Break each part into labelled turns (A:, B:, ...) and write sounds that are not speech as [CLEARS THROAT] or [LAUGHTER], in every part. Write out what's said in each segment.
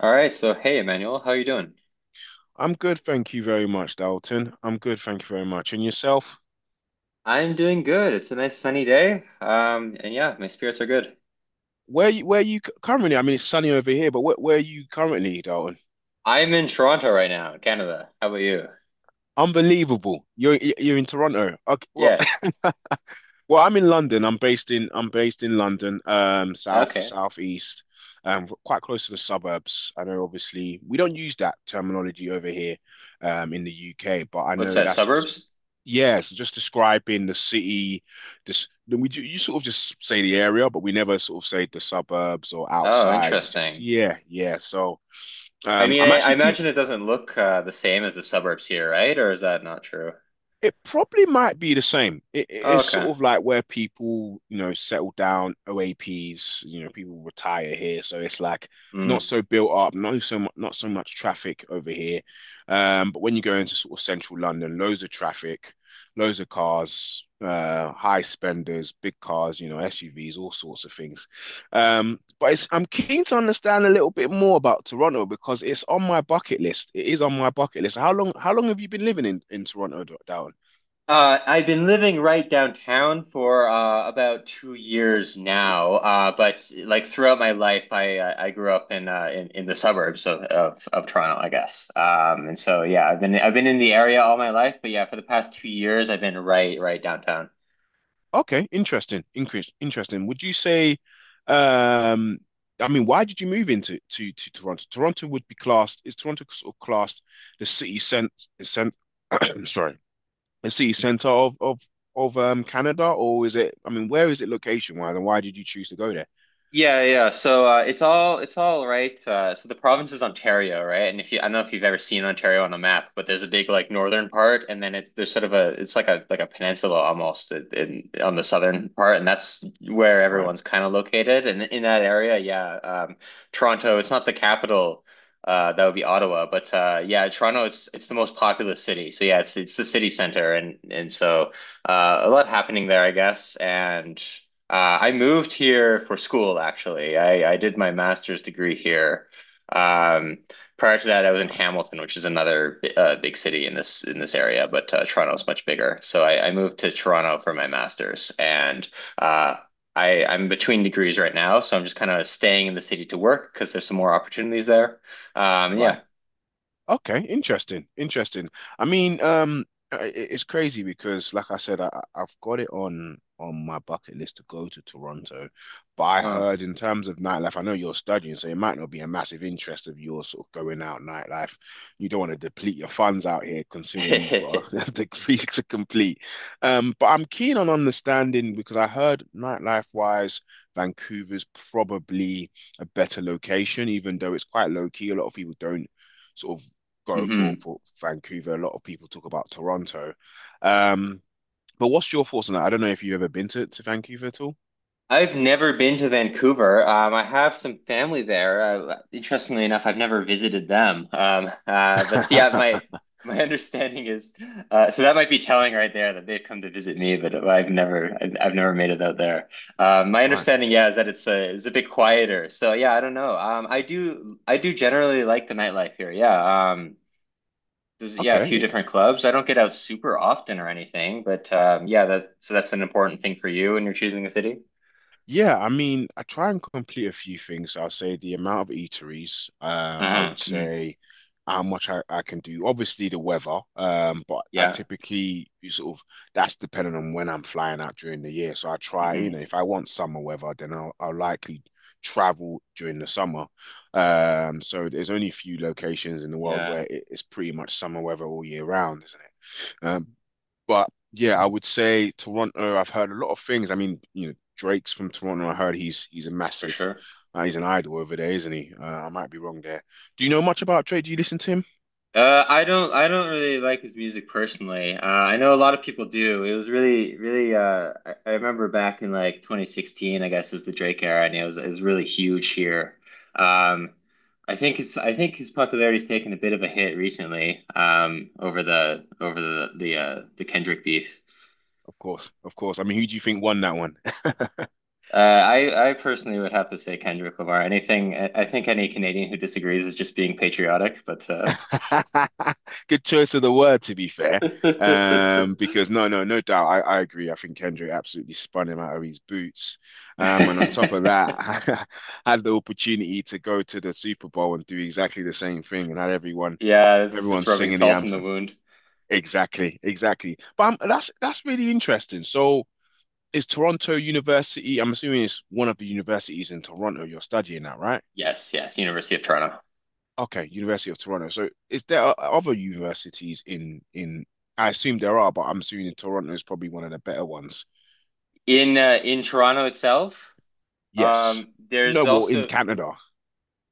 A: All right, so hey Emmanuel, how are you doing?
B: I'm good, thank you very much, Dalton. I'm good, thank you very much. And yourself?
A: I'm doing good. It's a nice sunny day. And yeah, my spirits are good.
B: Where you currently? I mean, it's sunny over here, but where are you currently, Dalton?
A: I'm in Toronto right now, Canada. How about you?
B: Unbelievable. You're in Toronto. Okay, well,
A: Yeah.
B: [LAUGHS] well, I'm in London. I'm based in London, south
A: Okay.
B: southeast, quite close to the suburbs. I know, obviously, we don't use that terminology over here, in the UK, but I
A: What's
B: know
A: that,
B: that's.
A: suburbs?
B: Yeah, so just describing the city. This then we do, you sort of just say the area, but we never sort of say the suburbs or
A: Oh,
B: outside. We just
A: interesting.
B: yeah, yeah. So
A: I mean,
B: I'm
A: I
B: actually keen.
A: imagine it doesn't look the same as the suburbs here, right? Or is that not true?
B: It probably might be the same. It, it-
A: Oh,
B: it's
A: okay.
B: sort of like where people, you know, settle down, OAPs, you know, people retire here, so it's like not so built up, not so much, not so much traffic over here. But when you go into sort of central London, loads of traffic, loads of cars, high spenders, big cars, you know, SUVs, all sorts of things. But it's, I'm keen to understand a little bit more about Toronto because it's on my bucket list. It is on my bucket list. How long have you been living in Toronto, down?
A: I've been living right downtown for about 2 years now, but like throughout my life, I grew up in the suburbs of, of Toronto, I guess. And so yeah, I've been in the area all my life, but yeah, for the past 2 years, I've been right downtown.
B: Okay, interesting. Increase, interesting. Would you say, um, I mean, why did you move into to Toronto? Toronto would be classed, is Toronto sort of classed the city cent, cent [COUGHS] [CLEARS THROAT] sorry, the city center of Canada, or is it? I mean, where is it location wise, and why did you choose to go there?
A: Yeah, yeah. So it's all right. So the province is Ontario, right? And if you, I don't know if you've ever seen Ontario on a map, but there's a big like northern part, and then it's there's sort of a it's like a peninsula almost in, on the southern part, and that's where
B: Right,
A: everyone's kind of located. And in that area, yeah, Toronto. It's not the capital. That would be Ottawa, but yeah, Toronto. It's the most populous city. So yeah, it's the city center, and so a lot happening there, I guess, and. I moved here for school, actually. I did my master's degree here. Um, Prior to that, I was in Hamilton, which is another big city in this area, but Toronto is much bigger. So I moved to Toronto for my master's, and uh, I'm between degrees right now, so I'm just kind of staying in the city to work because there's some more opportunities there.
B: right.
A: Yeah.
B: Okay, interesting, interesting. I mean, it's crazy because, like I said, I've got it on my bucket list to go to Toronto, but I
A: Uh.
B: heard in terms of nightlife, I know you're studying, so it might not be a massive interest of yours sort of going out nightlife. You don't want to deplete your funds out here, considering you've
A: [LAUGHS]
B: got a [LAUGHS] degree to complete. But I'm keen on understanding because I heard nightlife wise, Vancouver's probably a better location, even though it's quite low key. A lot of people don't sort of go for
A: hmm
B: for Vancouver. A lot of people talk about Toronto. Um, but what's your thoughts on that? I don't know if you've ever been to Vancouver at all.
A: I've never been to Vancouver. I have some family there. Interestingly enough, I've never visited them. But yeah, my
B: [LAUGHS]
A: my [LAUGHS] understanding is so that might be telling right there that they've come to visit me, but I've never made it out there. My
B: Right.
A: understanding, yeah, is that it's a bit quieter. So yeah, I don't know. I do generally like the nightlife here. Yeah. There's yeah a few
B: Okay.
A: different clubs. I don't get out super often or anything, but yeah, that's so that's an important thing for you when you're choosing a city.
B: Yeah, I mean, I try and complete a few things. I'll say the amount of eateries, I
A: Uh-huh.
B: would say how much I can do. Obviously the weather, but I
A: Yeah.
B: typically you sort of that's dependent on when I'm flying out during the year. So I try, you know,
A: hmm
B: if I want summer weather, then I'll likely travel during the summer. So there's only a few locations in the world
A: Yeah,
B: where it's pretty much summer weather all year round, isn't it? Um, but yeah, I would say Toronto. I've heard a lot of things. I mean, you know, Drake's from Toronto. I heard he's a
A: for
B: massive,
A: sure.
B: he's an idol over there, isn't he? I might be wrong there. Do you know much about Drake? Do you listen to him?
A: I don't really like his music personally. I know a lot of people do. It was really really I remember back in like 2016, I guess was the Drake era and it was really huge here. Um I think it's I think his popularity's taken a bit of a hit recently over the the the Kendrick beef.
B: Of course, of course. I mean, who do you think won that one?
A: I personally would have to say Kendrick Lamar. Anything I think any Canadian who disagrees is just being patriotic, but
B: [LAUGHS] Good choice of the word, to be
A: [LAUGHS]
B: fair.
A: yeah,
B: Because no, no, no doubt, I agree. I think Kendrick absolutely spun him out of his boots. And on top of that, [LAUGHS] I had the opportunity to go to the Super Bowl and do exactly the same thing, and had everyone,
A: it's
B: everyone
A: just rubbing
B: singing the
A: salt in the
B: anthem.
A: wound.
B: Exactly, exactly. But that's really interesting. So, is Toronto University? I'm assuming it's one of the universities in Toronto you're studying at, right?
A: Yes, yes, University of Toronto.
B: Okay, University of Toronto. So is there o- other universities in I assume there are, but I'm assuming Toronto is probably one of the better ones.
A: In Toronto itself,
B: Yes. No,
A: there's
B: well, in
A: also
B: Canada,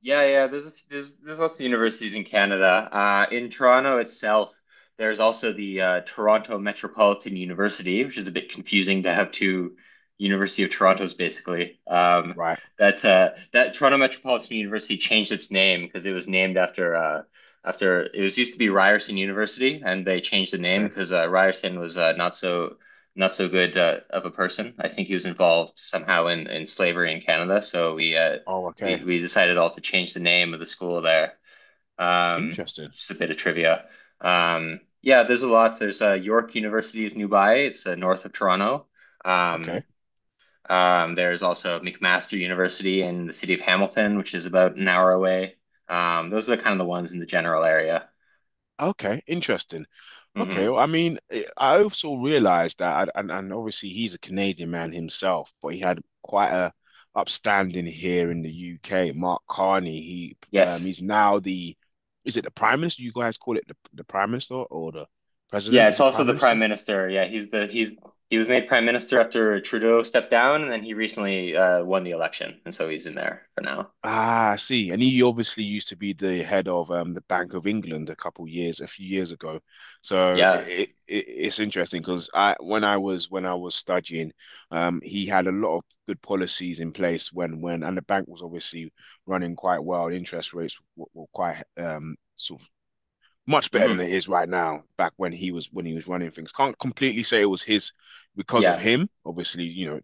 A: yeah, yeah. There's there's lots of universities in Canada. In Toronto itself, there's also the Toronto Metropolitan University, which is a bit confusing to have two University of Torontos basically.
B: right?
A: That Toronto Metropolitan University changed its name because it was named after after it was used to be Ryerson University, and they changed the name
B: Okay.
A: because Ryerson was not so not so good of a person. I think he was involved somehow in slavery in Canada, so we uh,
B: Oh,
A: we,
B: okay.
A: we decided all to change the name of the school there. Um,
B: Interesting.
A: just a bit of trivia. Yeah, there's a lot. There's York University is nearby. It's north of Toronto. Um,
B: Okay.
A: there's also McMaster University in the city of Hamilton, which is about an hour away. Those are kind of the ones in the general area.
B: Okay. Interesting. Okay,
A: hmm
B: well, I mean, I also realized that, and obviously he's a Canadian man himself, but he had quite a upstanding here in the UK. Mark Carney, he
A: Yes.
B: he's now the, is it the Prime Minister? You guys call it the Prime Minister or the
A: Yeah,
B: President? Is
A: it's
B: it
A: also
B: Prime
A: the prime
B: Minister?
A: minister. Yeah, he's he was made prime minister after Trudeau stepped down, and then he recently won the election, and so he's in there for now.
B: Ah, I see. And he obviously used to be the head of the Bank of England a couple years, a few years ago. So
A: Yeah.
B: it it's interesting because I when I was studying, he had a lot of good policies in place when and the bank was obviously running quite well. Interest rates were quite sort of much better than
A: hmm
B: it is right now. Back when he was running things, can't completely say it was his because of
A: yeah
B: him. Obviously, you know,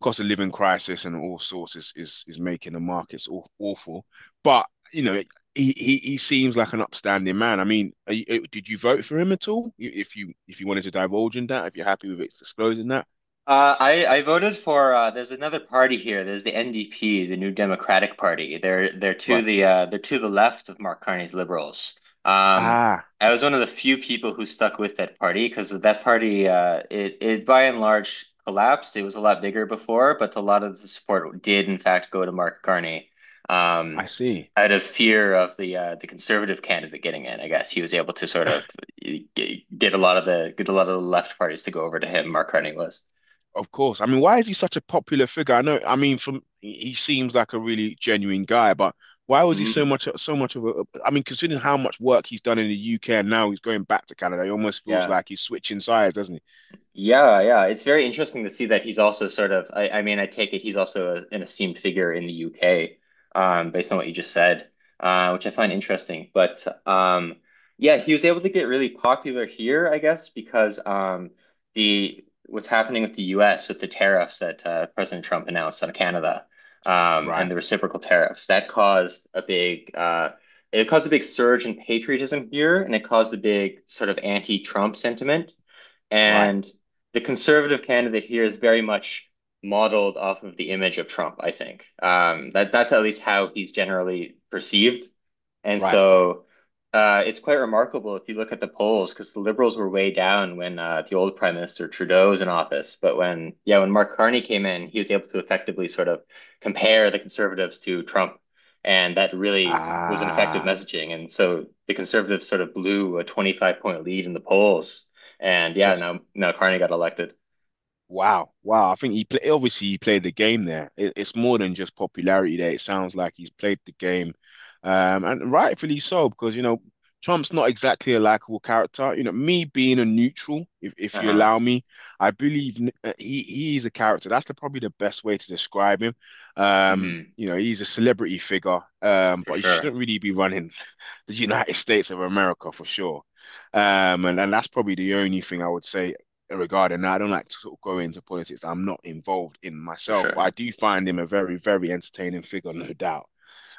B: cost of living crisis and all sorts is making the markets awful. But you know, he seems like an upstanding man. I mean, are you, did you vote for him at all? If you wanted to divulge in that, if you're happy with it disclosing that,
A: I voted for there's another party here. There's the NDP, the New Democratic Party. They're to
B: right?
A: the they're to the left of Mark Carney's Liberals. Um,
B: Ah,
A: I was one of the few people who stuck with that party because that party it it by and large collapsed. It was a lot bigger before, but a lot of the support did in fact go to Mark Carney. Um,
B: I see.
A: Out of fear of the conservative candidate getting in, I guess he was able to sort of get a lot of the get a lot of the left parties to go over to him. Mark Carney was.
B: Of course. I mean, why is he such a popular figure? I know. I mean, from he seems like a really genuine guy, but why was he so
A: hmm
B: much so much of a? I mean, considering how much work he's done in the UK and now he's going back to Canada, he almost feels
A: Yeah.
B: like he's switching sides, doesn't he?
A: Yeah, yeah. It's very interesting to see that he's also sort of I mean, I take it he's also a, an esteemed figure in the UK, based on what you just said, which I find interesting. But yeah, he was able to get really popular here, I guess, because the what's happening with the US with the tariffs that President Trump announced on Canada, and
B: Right.
A: the reciprocal tariffs, that caused a big it caused a big surge in patriotism here, and it caused a big sort of anti-Trump sentiment.
B: Right.
A: And the conservative candidate here is very much modeled off of the image of Trump, I think. That that's at least how he's generally perceived. And
B: Right.
A: so it's quite remarkable if you look at the polls, because the liberals were way down when the old Prime Minister Trudeau was in office. But when, yeah, when Mark Carney came in, he was able to effectively sort of compare the conservatives to Trump. And that really was an effective
B: Ah,
A: messaging. And so the conservatives sort of blew a 25 point lead in the polls and yeah,
B: just
A: no, no, Carney got elected.
B: wow, wow. I think he play, obviously he played the game there. It, it's more than just popularity there. It sounds like he's played the game, and rightfully so because you know Trump's not exactly a likable character. You know, me being a neutral, if you
A: Uh-huh.
B: allow me, I believe he is a character. That's the, probably the best way to describe him.
A: hmm
B: You know, he's a celebrity figure,
A: For
B: but he
A: sure.
B: shouldn't really be running the United States of America for sure. And that's probably the only thing I would say regarding that. I don't like to sort of go into politics that I'm not involved in
A: For
B: myself, but
A: sure.
B: I do find him a very, very entertaining figure, no doubt.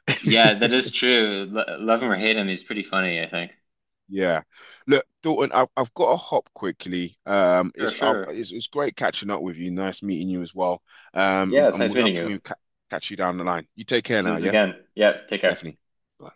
B: [LAUGHS]
A: Yeah, that is true. L love him or hate him, he's pretty funny, I think.
B: Yeah. Look, Dalton, I've got to hop quickly.
A: Sure,
B: It's,
A: sure.
B: it's great catching up with you. Nice meeting you as well. And,
A: Yeah, it's
B: and
A: nice
B: we'd love
A: meeting
B: to
A: you.
B: maybe ca catch you down the line. You take care
A: Do
B: now,
A: this
B: yeah?
A: again. Yeah, take care.
B: Definitely. Bye.